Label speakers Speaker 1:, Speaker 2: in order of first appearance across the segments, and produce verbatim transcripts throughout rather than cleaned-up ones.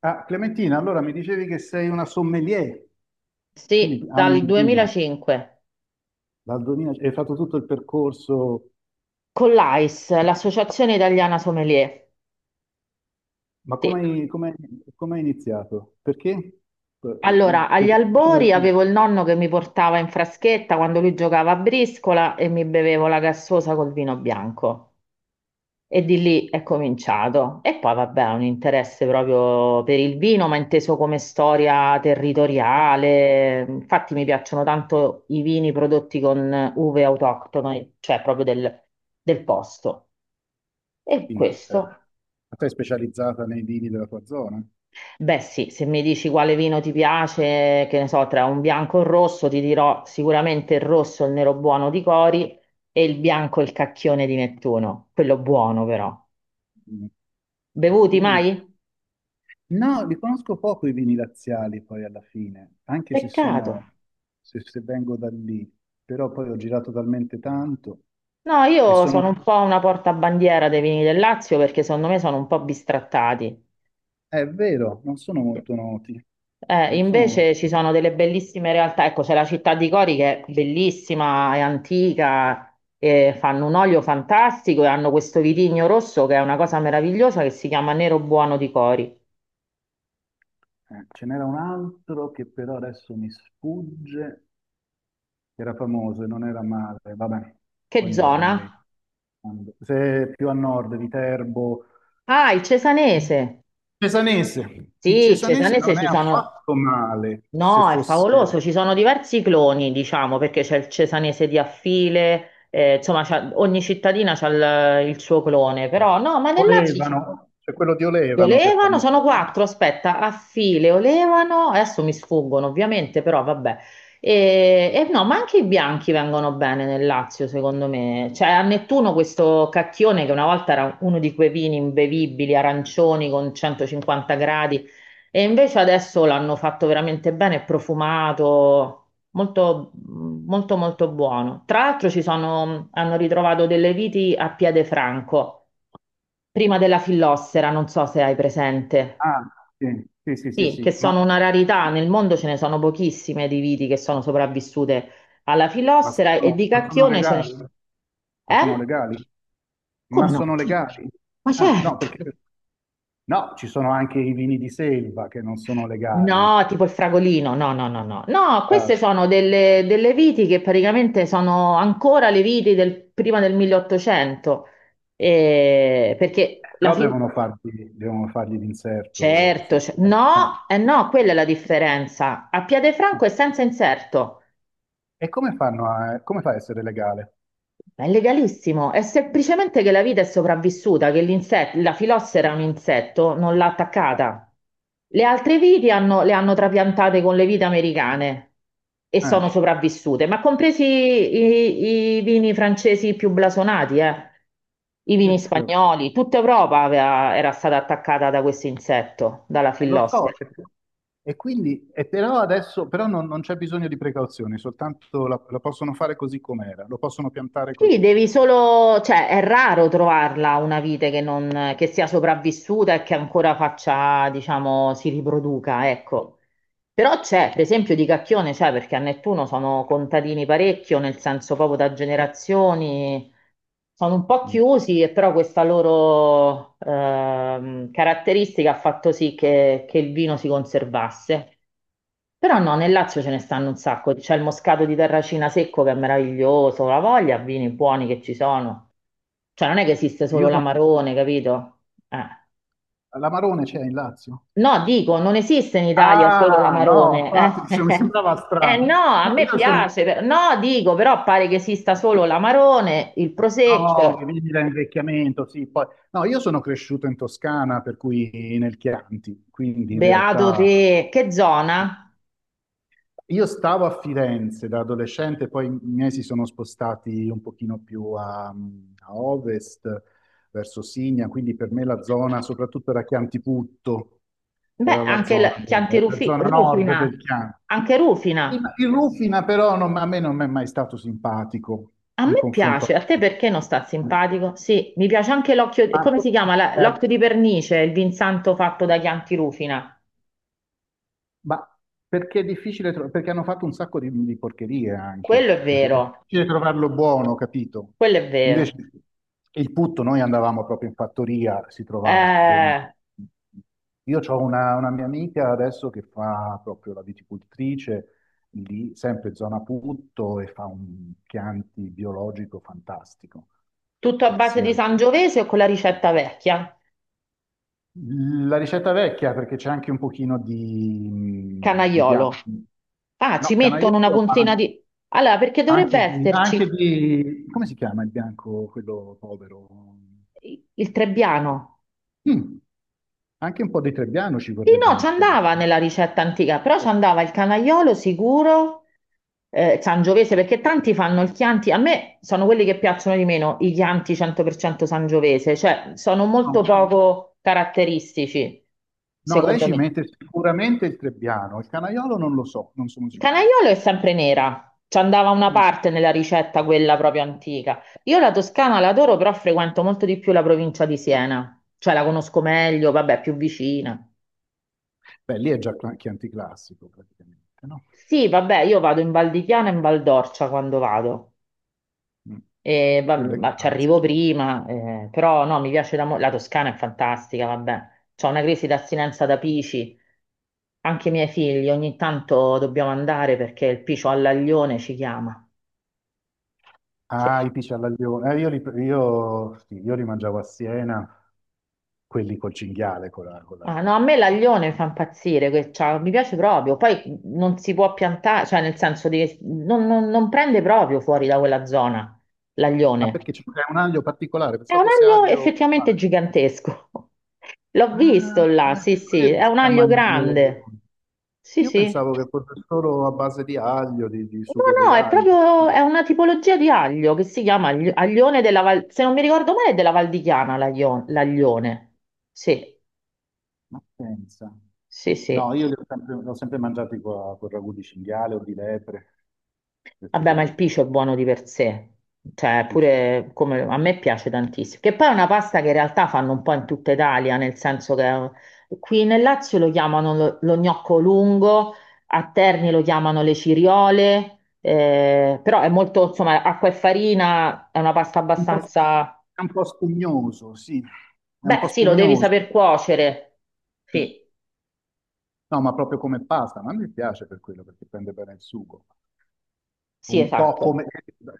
Speaker 1: Ah, Clementina, allora mi dicevi che sei una sommelier,
Speaker 2: Sì,
Speaker 1: quindi ami
Speaker 2: dal
Speaker 1: il vino,
Speaker 2: duemilacinque
Speaker 1: dal duemila, hai fatto tutto il percorso,
Speaker 2: con l'A I S, l'Associazione Italiana Sommelier.
Speaker 1: ma
Speaker 2: Sì.
Speaker 1: come hai, come hai- come hai iniziato? Perché? Per-
Speaker 2: Allora, agli
Speaker 1: Perché ti piaceva il
Speaker 2: albori
Speaker 1: vino,
Speaker 2: avevo il nonno che mi portava in fraschetta quando lui giocava a briscola e mi bevevo la gassosa col vino bianco. E di lì è cominciato. E poi, vabbè, un interesse proprio per il vino, ma inteso come storia territoriale. Infatti, mi piacciono tanto i vini prodotti con uve autoctone, cioè proprio del del posto. E
Speaker 1: quindi eh,
Speaker 2: questo.
Speaker 1: ma sei specializzata nei vini della tua zona?
Speaker 2: Beh, sì, se mi dici quale vino ti piace, che ne so, tra un bianco e un rosso, ti dirò sicuramente il rosso, il nero buono di Cori e il bianco, il cacchione di Nettuno, quello buono però.
Speaker 1: Mm.
Speaker 2: Bevuti
Speaker 1: Io li,
Speaker 2: mai?
Speaker 1: no, li conosco poco i vini laziali poi alla fine, anche se
Speaker 2: Peccato.
Speaker 1: sono, se, se vengo da lì, però poi ho girato talmente tanto
Speaker 2: No,
Speaker 1: e
Speaker 2: io sono
Speaker 1: sono...
Speaker 2: un po' una portabandiera dei vini del Lazio perché secondo me sono un po' bistrattati.
Speaker 1: È vero, non sono molto noti.
Speaker 2: Eh,
Speaker 1: Non sono
Speaker 2: invece ci
Speaker 1: molto-
Speaker 2: sono delle bellissime realtà, ecco c'è la città di Cori che è bellissima, è antica, e fanno un olio fantastico e hanno questo vitigno rosso che è una cosa meravigliosa che si chiama Nero Buono di Cori.
Speaker 1: eh, Ce n'era un altro che però adesso mi sfugge, che era famoso e non era male. Vabbè, poi
Speaker 2: Che
Speaker 1: mi verrà in mente.
Speaker 2: zona?
Speaker 1: Quando- Se è più a nord di Terbo,
Speaker 2: Ah, il Cesanese.
Speaker 1: Cesanese.
Speaker 2: Sì,
Speaker 1: Il
Speaker 2: il
Speaker 1: Cesanese
Speaker 2: Cesanese
Speaker 1: non è
Speaker 2: ci sono...
Speaker 1: affatto male, se
Speaker 2: No, è favoloso,
Speaker 1: fosse
Speaker 2: ci sono diversi cloni, diciamo, perché c'è il Cesanese di Affile, eh, insomma c'ha- ogni cittadina ha il, il suo clone, però no, ma nel Lazio...
Speaker 1: Olevano, c'è quello di
Speaker 2: Li
Speaker 1: Olevano che è
Speaker 2: olevano, sono
Speaker 1: famoso, no?
Speaker 2: quattro, aspetta, a file olevano, adesso mi sfuggono ovviamente, però vabbè. E, e no, ma anche i bianchi vengono bene nel Lazio, secondo me. Cioè, a Nettuno questo cacchione che una volta era uno di quei vini imbevibili, arancioni con centocinquanta gradi, e invece adesso l'hanno fatto veramente bene, è profumato, molto, molto, molto buono. Tra l'altro ci sono, hanno ritrovato delle viti a piede franco, prima della fillossera, non so se hai presente.
Speaker 1: Ah, sì, sì, sì, sì,
Speaker 2: Sì, che
Speaker 1: sì. Ma,
Speaker 2: sono una rarità, nel mondo ce ne sono pochissime di viti che sono sopravvissute alla
Speaker 1: ma
Speaker 2: fillossera e
Speaker 1: sono,
Speaker 2: di
Speaker 1: ma sono
Speaker 2: cacchione ce ne...
Speaker 1: legali? Ma
Speaker 2: Eh?
Speaker 1: sono legali? Ma
Speaker 2: Come no?
Speaker 1: sono legali?
Speaker 2: Ma
Speaker 1: Ah, no,
Speaker 2: certo!
Speaker 1: perché no, ci sono anche i vini di selva che non sono legali,
Speaker 2: No, tipo il fragolino, no, no, no, no. No, queste
Speaker 1: ah,
Speaker 2: sono delle, delle viti che praticamente sono ancora le viti del, prima del milleottocento. Eh, perché la
Speaker 1: però
Speaker 2: fin...
Speaker 1: devono fargli, devono fargli l'inserto
Speaker 2: Certo,
Speaker 1: sul...
Speaker 2: cer-
Speaker 1: eh. eh.
Speaker 2: no, eh no, quella è la differenza. A Piede franco è senza inserto.
Speaker 1: E come fanno a, come fa a essere legale?
Speaker 2: Ma è legalissimo, è semplicemente che la vita è sopravvissuta, che l'inset- la filossera è un insetto, non l'ha
Speaker 1: Eh,
Speaker 2: attaccata. Le altre viti hanno- le hanno trapiantate con le vite americane e
Speaker 1: eh,
Speaker 2: sono sopravvissute, ma compresi i, i vini francesi più blasonati, eh. I
Speaker 1: sì,
Speaker 2: vini
Speaker 1: sì, sì, ok.
Speaker 2: spagnoli, tutta Europa aveva- era stata attaccata da questo insetto, dalla
Speaker 1: Eh, lo
Speaker 2: filossera.
Speaker 1: so, e, e quindi, e però adesso però non, non c'è bisogno di precauzioni, soltanto la, la possono fare così com'era, lo possono piantare
Speaker 2: Sì,
Speaker 1: così
Speaker 2: devi
Speaker 1: com'era.
Speaker 2: solo, cioè è raro trovarla una vite che, non, che sia sopravvissuta e che ancora faccia, diciamo, si riproduca, ecco. Però c'è, per esempio, di Cacchione c'è, perché a Nettuno sono contadini parecchio, nel senso proprio da generazioni, sono un po'
Speaker 1: Mm.
Speaker 2: chiusi, e però questa loro ehm, caratteristica ha fatto sì che, che il vino si conservasse. Però no, nel Lazio ce ne stanno un sacco. C'è il moscato di Terracina secco che è meraviglioso, la voglia, vini buoni che ci sono. Cioè non è che esiste solo
Speaker 1: Io sono...
Speaker 2: l'amarone, capito? Eh.
Speaker 1: L'amarone c'è in Lazio?
Speaker 2: No, dico, non esiste in Italia solo
Speaker 1: Ah, no, infatti,
Speaker 2: l'amarone.
Speaker 1: dicevo, mi
Speaker 2: Eh,
Speaker 1: sembrava
Speaker 2: Eh,
Speaker 1: strano.
Speaker 2: no, a
Speaker 1: No,
Speaker 2: me
Speaker 1: io sono...
Speaker 2: piace. per- No, dico, però pare che esista solo l'amarone, il
Speaker 1: No,
Speaker 2: prosecco.
Speaker 1: che vivi da invecchiamento, sì. Poi... No, io sono cresciuto in Toscana, per cui nel Chianti, quindi in
Speaker 2: Beato
Speaker 1: realtà...
Speaker 2: te, che zona?
Speaker 1: Io stavo a Firenze da adolescente, poi i miei si sono spostati un pochino più a, a ovest, verso Signa, quindi per me la zona soprattutto era Chiantiputto,
Speaker 2: Beh,
Speaker 1: era la
Speaker 2: anche il
Speaker 1: zona, del-
Speaker 2: Chianti
Speaker 1: la
Speaker 2: Rufi-
Speaker 1: zona nord
Speaker 2: Rufina,
Speaker 1: del Chianti.
Speaker 2: anche
Speaker 1: Il
Speaker 2: Rufina.
Speaker 1: il Rufina però non- a me non è mai stato simpatico
Speaker 2: A
Speaker 1: in
Speaker 2: me piace,
Speaker 1: confronto
Speaker 2: a te perché non sta
Speaker 1: a...
Speaker 2: simpatico? Sì, mi piace anche l'occhio,
Speaker 1: Ma-
Speaker 2: come si chiama? La- L'occhio di pernice, il vinsanto fatto da Chianti Rufina.
Speaker 1: Ma perché è difficile trovare, perché hanno fatto un sacco di, di porcherie anche. Eh.
Speaker 2: Quello è
Speaker 1: È
Speaker 2: vero,
Speaker 1: difficile trovarlo buono, capito?
Speaker 2: quello è
Speaker 1: Invece
Speaker 2: vero.
Speaker 1: il putto, noi andavamo proprio in fattoria, si trovava buonissimo.
Speaker 2: Eh,
Speaker 1: Io ho una, una mia amica adesso che fa proprio la viticoltrice, lì, sempre zona putto, e fa un Chianti biologico fantastico.
Speaker 2: Tutto a
Speaker 1: Fa
Speaker 2: base di
Speaker 1: sia
Speaker 2: Sangiovese o con la ricetta vecchia?
Speaker 1: La ricetta vecchia, perché c'è anche un pochino di, di
Speaker 2: Canaiolo.
Speaker 1: bianco.
Speaker 2: Ah, ci
Speaker 1: No,
Speaker 2: mettono una
Speaker 1: canagliolo,
Speaker 2: puntina
Speaker 1: ma
Speaker 2: di... Allora, perché
Speaker 1: anche
Speaker 2: dovrebbe
Speaker 1: di, anche
Speaker 2: esserci
Speaker 1: di... Come si chiama il bianco, quello povero?
Speaker 2: il il Trebbiano?
Speaker 1: Mm, anche un po' di trebbiano ci
Speaker 2: Sì,
Speaker 1: vorrebbe
Speaker 2: no, ci
Speaker 1: nel
Speaker 2: andava
Speaker 1: chianto.
Speaker 2: nella ricetta antica, però ci andava il canaiolo sicuro, eh, sangiovese, perché tanti fanno il Chianti, a me sono quelli che piacciono di meno, i Chianti cento per cento sangiovese, cioè sono
Speaker 1: No,
Speaker 2: molto
Speaker 1: no,
Speaker 2: poco caratteristici,
Speaker 1: no, lei
Speaker 2: secondo
Speaker 1: ci
Speaker 2: me.
Speaker 1: mette sicuramente il trebbiano, il canaiolo non lo so, non sono
Speaker 2: Il
Speaker 1: sicuro.
Speaker 2: Canaiolo è sempre nera, ci andava una
Speaker 1: Mm.
Speaker 2: parte nella ricetta quella proprio antica. Io la Toscana l'adoro, però frequento molto di più la provincia di Siena, cioè la conosco meglio, vabbè, più vicina.
Speaker 1: Beh, lì è già cla- chianti classico praticamente, no?
Speaker 2: Sì, vabbè, io vado in Val di Chiana e in Val d'Orcia quando vado.
Speaker 1: Mm.
Speaker 2: E va-
Speaker 1: Quello è
Speaker 2: ma ci
Speaker 1: classico.
Speaker 2: arrivo prima, eh, però no, mi piace da mo- la Toscana è fantastica, vabbè, c'ho una crisi d'astinenza da Pici, anche i miei figli ogni tanto dobbiamo andare perché il Picio all'aglione ci chiama. Sì.
Speaker 1: Ah, i pisci alla Lione. Eh, io, li, io, sì, io li mangiavo a Siena. Quelli col cinghiale, con la, con
Speaker 2: Ah,
Speaker 1: la-
Speaker 2: no, a me l'aglione mi fa impazzire, que- cioè, mi piace proprio, poi non si può piantare, cioè nel senso di, non non- non prende proprio fuori da quella zona
Speaker 1: ma
Speaker 2: l'aglione.
Speaker 1: perché c'è pure un aglio particolare?
Speaker 2: È un
Speaker 1: Pensavo fosse
Speaker 2: aglio
Speaker 1: aglio...
Speaker 2: effettivamente
Speaker 1: Vabbè.
Speaker 2: gigantesco. L'ho
Speaker 1: Ah,
Speaker 2: visto là, sì, sì,
Speaker 1: quello
Speaker 2: è
Speaker 1: si
Speaker 2: un
Speaker 1: chiama
Speaker 2: aglio
Speaker 1: aglio...
Speaker 2: grande. Sì,
Speaker 1: Io
Speaker 2: sì.
Speaker 1: pensavo che fosse solo a base di aglio, di, di sugo
Speaker 2: No,
Speaker 1: di
Speaker 2: no, è
Speaker 1: aglio.
Speaker 2: proprio è una tipologia di aglio che si chiama agli- aglione della Val, se non mi ricordo male, è della Val di Chiana l'aglio- l'aglione. Sì,
Speaker 1: Ma pensa.
Speaker 2: sì,
Speaker 1: No,
Speaker 2: sì.
Speaker 1: io li ho sempre, li ho sempre mangiati con, con ragù di cinghiale o di lepre. Queste
Speaker 2: Vabbè, ma
Speaker 1: cose
Speaker 2: il
Speaker 1: qui.
Speaker 2: piscio è buono di per sé, cioè
Speaker 1: Dice.
Speaker 2: pure come a me piace tantissimo, che poi è una pasta che in realtà fanno un po' in tutta Italia, nel senso che eh, qui nel Lazio lo chiamano lo, lo gnocco lungo, a Terni lo chiamano le ciriole, eh, però è molto, insomma, acqua e farina, è una pasta
Speaker 1: Un po',
Speaker 2: abbastanza...
Speaker 1: è un po' spugnoso, sì. È un
Speaker 2: Beh,
Speaker 1: po'
Speaker 2: sì, lo devi
Speaker 1: spugnoso.
Speaker 2: saper cuocere. Sì,
Speaker 1: No, ma proprio come pasta, ma a me piace per quello, perché prende bene il sugo.
Speaker 2: sì,
Speaker 1: Un po'
Speaker 2: esatto.
Speaker 1: come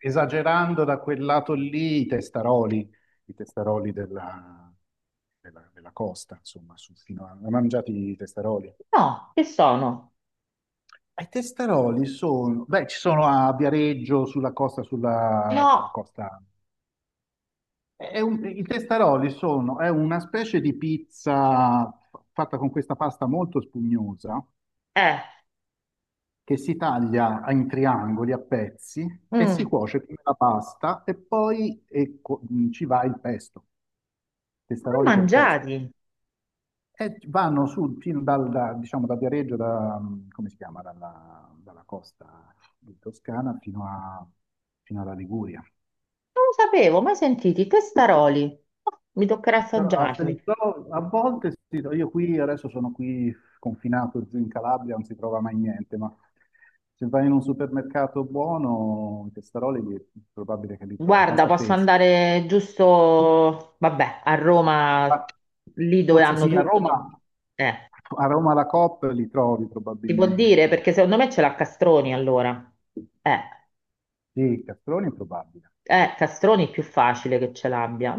Speaker 1: esagerando da quel lato lì, i testaroli, i testaroli della, della- della costa, insomma, su- fino a, mangiati i testaroli.
Speaker 2: No, che sono?
Speaker 1: E I testaroli sono, beh, ci sono a Viareggio, sulla costa, sulla, sulla
Speaker 2: No,
Speaker 1: costa. È un- I testaroli sono, è una specie di pizza fatta con questa pasta molto spugnosa
Speaker 2: eh,
Speaker 1: che si taglia in triangoli a pezzi e
Speaker 2: mm,
Speaker 1: si cuoce come la pasta e poi eh, co- mh, ci va il pesto,
Speaker 2: ma
Speaker 1: testaroli col pesto.
Speaker 2: mangiati.
Speaker 1: E vanno su, fino dal, da, diciamo, da Viareggio, da, mh, come si chiama, dalla, dalla costa di Toscana fino a- fino alla Liguria.
Speaker 2: Non lo sapevo, mai sentiti, testaroli. Oh, mi toccherà
Speaker 1: Però a
Speaker 2: assaggiarli.
Speaker 1: Felitto- a volte sì, io qui adesso sono qui confinato giù in Calabria, non si trova mai niente, ma se vai in un supermercato buono, i testaroli è probabile che li trovi,
Speaker 2: Guarda,
Speaker 1: pasta
Speaker 2: posso
Speaker 1: fresca.
Speaker 2: andare giusto, vabbè, a Roma,
Speaker 1: Ma
Speaker 2: lì dove
Speaker 1: Forse
Speaker 2: hanno
Speaker 1: sì, a
Speaker 2: tutto. quindi-
Speaker 1: Roma,
Speaker 2: Eh,
Speaker 1: a Roma la Coop li trovi
Speaker 2: si può dire,
Speaker 1: probabilmente.
Speaker 2: perché secondo me ce l'ha Castroni allora. Eh,
Speaker 1: Sì, i castroni è probabile,
Speaker 2: eh, Castroni è più facile che ce l'abbia.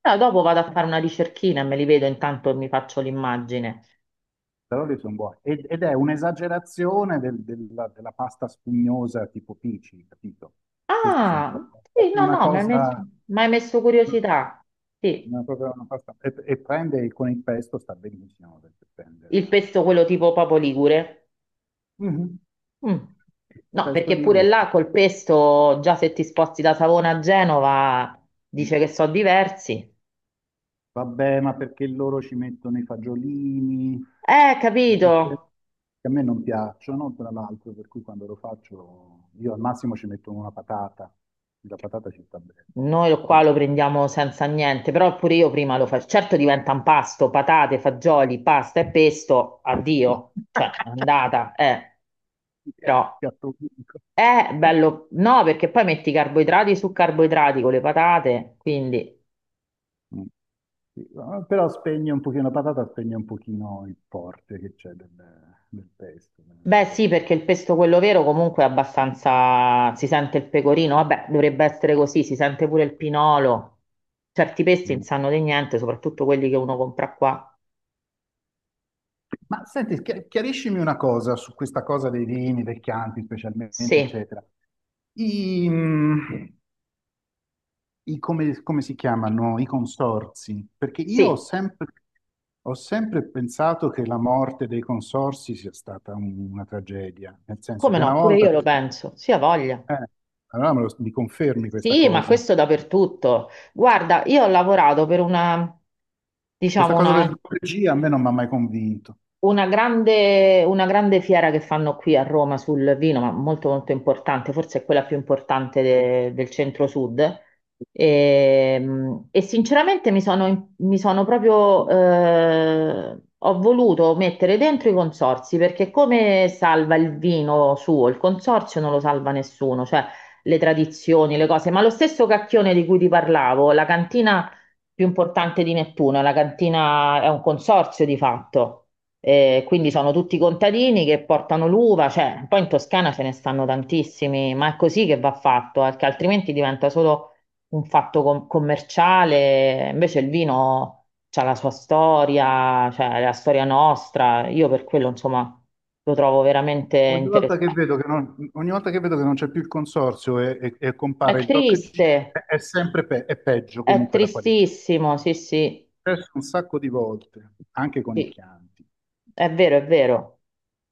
Speaker 2: Però dopo vado a fare una ricerchina e me li vedo, intanto mi faccio l'immagine.
Speaker 1: testaroli sono buoni. Ed, ed è un'esagerazione del- della, della pasta spugnosa tipo Pici, capito? Questi sono
Speaker 2: Ah,
Speaker 1: proprio
Speaker 2: sì,
Speaker 1: proprio
Speaker 2: no,
Speaker 1: una
Speaker 2: no, mi hai messo,
Speaker 1: cosa...
Speaker 2: mi hai messo curiosità. Sì,
Speaker 1: Una cosa, una pasta- E, e prende con il pesto, sta benissimo perché prende
Speaker 2: il
Speaker 1: la...
Speaker 2: pesto quello tipo Papo Ligure.
Speaker 1: Mhm.
Speaker 2: Mm.
Speaker 1: Il
Speaker 2: No,
Speaker 1: pesto
Speaker 2: perché pure
Speaker 1: ligure.
Speaker 2: là col pesto, già se ti sposti da Savona a Genova, dice che sono diversi.
Speaker 1: Vabbè, ma perché loro ci mettono i fagiolini,
Speaker 2: Eh, capito.
Speaker 1: che a me non piacciono, tra l'altro, per cui quando lo faccio io al massimo ci metto una patata, la patata ci sta bene.
Speaker 2: Noi lo- qua lo
Speaker 1: Fagiolini.
Speaker 2: prendiamo senza niente, però pure io prima lo faccio. Certo diventa un pasto, patate, fagioli, pasta e pesto, addio. Cioè, è andata, eh. Però
Speaker 1: Piatto unico.
Speaker 2: è bello. No, perché poi metti carboidrati su carboidrati con le patate, quindi...
Speaker 1: Sì, no, però spegne un pochino la patata, spegne un pochino il forte che c'è del, del pesto. Del
Speaker 2: Beh,
Speaker 1: sapore.
Speaker 2: sì, perché il pesto quello vero comunque è abbastanza si sente il pecorino, vabbè, dovrebbe essere così, si sente pure il pinolo. Certi pesti non
Speaker 1: Mm.
Speaker 2: sanno di niente, soprattutto quelli che uno compra qua.
Speaker 1: Ma senti, chi- chiariscimi una cosa su questa cosa dei vini, dei chianti specialmente,
Speaker 2: Sì,
Speaker 1: eccetera. I, mm, i- come, come si chiamano? I consorzi? Perché io ho
Speaker 2: sì,
Speaker 1: sempre, ho sempre pensato che la morte dei consorzi sia stata un- una tragedia, nel senso
Speaker 2: come
Speaker 1: che una
Speaker 2: no, pure
Speaker 1: volta...
Speaker 2: io lo
Speaker 1: per-
Speaker 2: penso, sì, ha voglia.
Speaker 1: eh, allora me lo- mi confermi questa
Speaker 2: Sì, ma
Speaker 1: cosa?
Speaker 2: questo dappertutto. Guarda, io ho lavorato per una,
Speaker 1: Questa
Speaker 2: diciamo,
Speaker 1: cosa
Speaker 2: una
Speaker 1: del due G a me non mi ha mai convinto.
Speaker 2: Una grande, una grande, fiera che fanno qui a Roma sul vino, ma molto molto importante, forse è quella più importante de- del centro-sud. E, mh, e sinceramente mi sono, mi sono proprio, eh, ho voluto mettere dentro i consorzi perché come salva il vino suo? Il consorzio non lo salva nessuno, cioè le tradizioni, le cose, ma lo stesso cacchione di cui ti parlavo, la cantina più importante di Nettuno, la cantina è un consorzio di fatto. Eh, quindi sono tutti contadini che portano l'uva, cioè, poi in Toscana ce ne stanno tantissimi, ma è così che va fatto, perché altrimenti diventa solo un fatto com- commerciale. Invece il vino c'ha la sua storia, cioè la storia nostra. Io per quello, insomma, lo trovo veramente
Speaker 1: Ogni volta che
Speaker 2: interessante.
Speaker 1: vedo che non, ogni volta che vedo che non c'è più il consorzio e, e- e
Speaker 2: È
Speaker 1: compare il doc G,
Speaker 2: triste,
Speaker 1: è, è sempre pe- è peggio
Speaker 2: è
Speaker 1: comunque la qualità.
Speaker 2: tristissimo, sì, sì,
Speaker 1: Adesso un sacco di volte, anche con i
Speaker 2: sì,
Speaker 1: Chianti.
Speaker 2: è vero, è vero.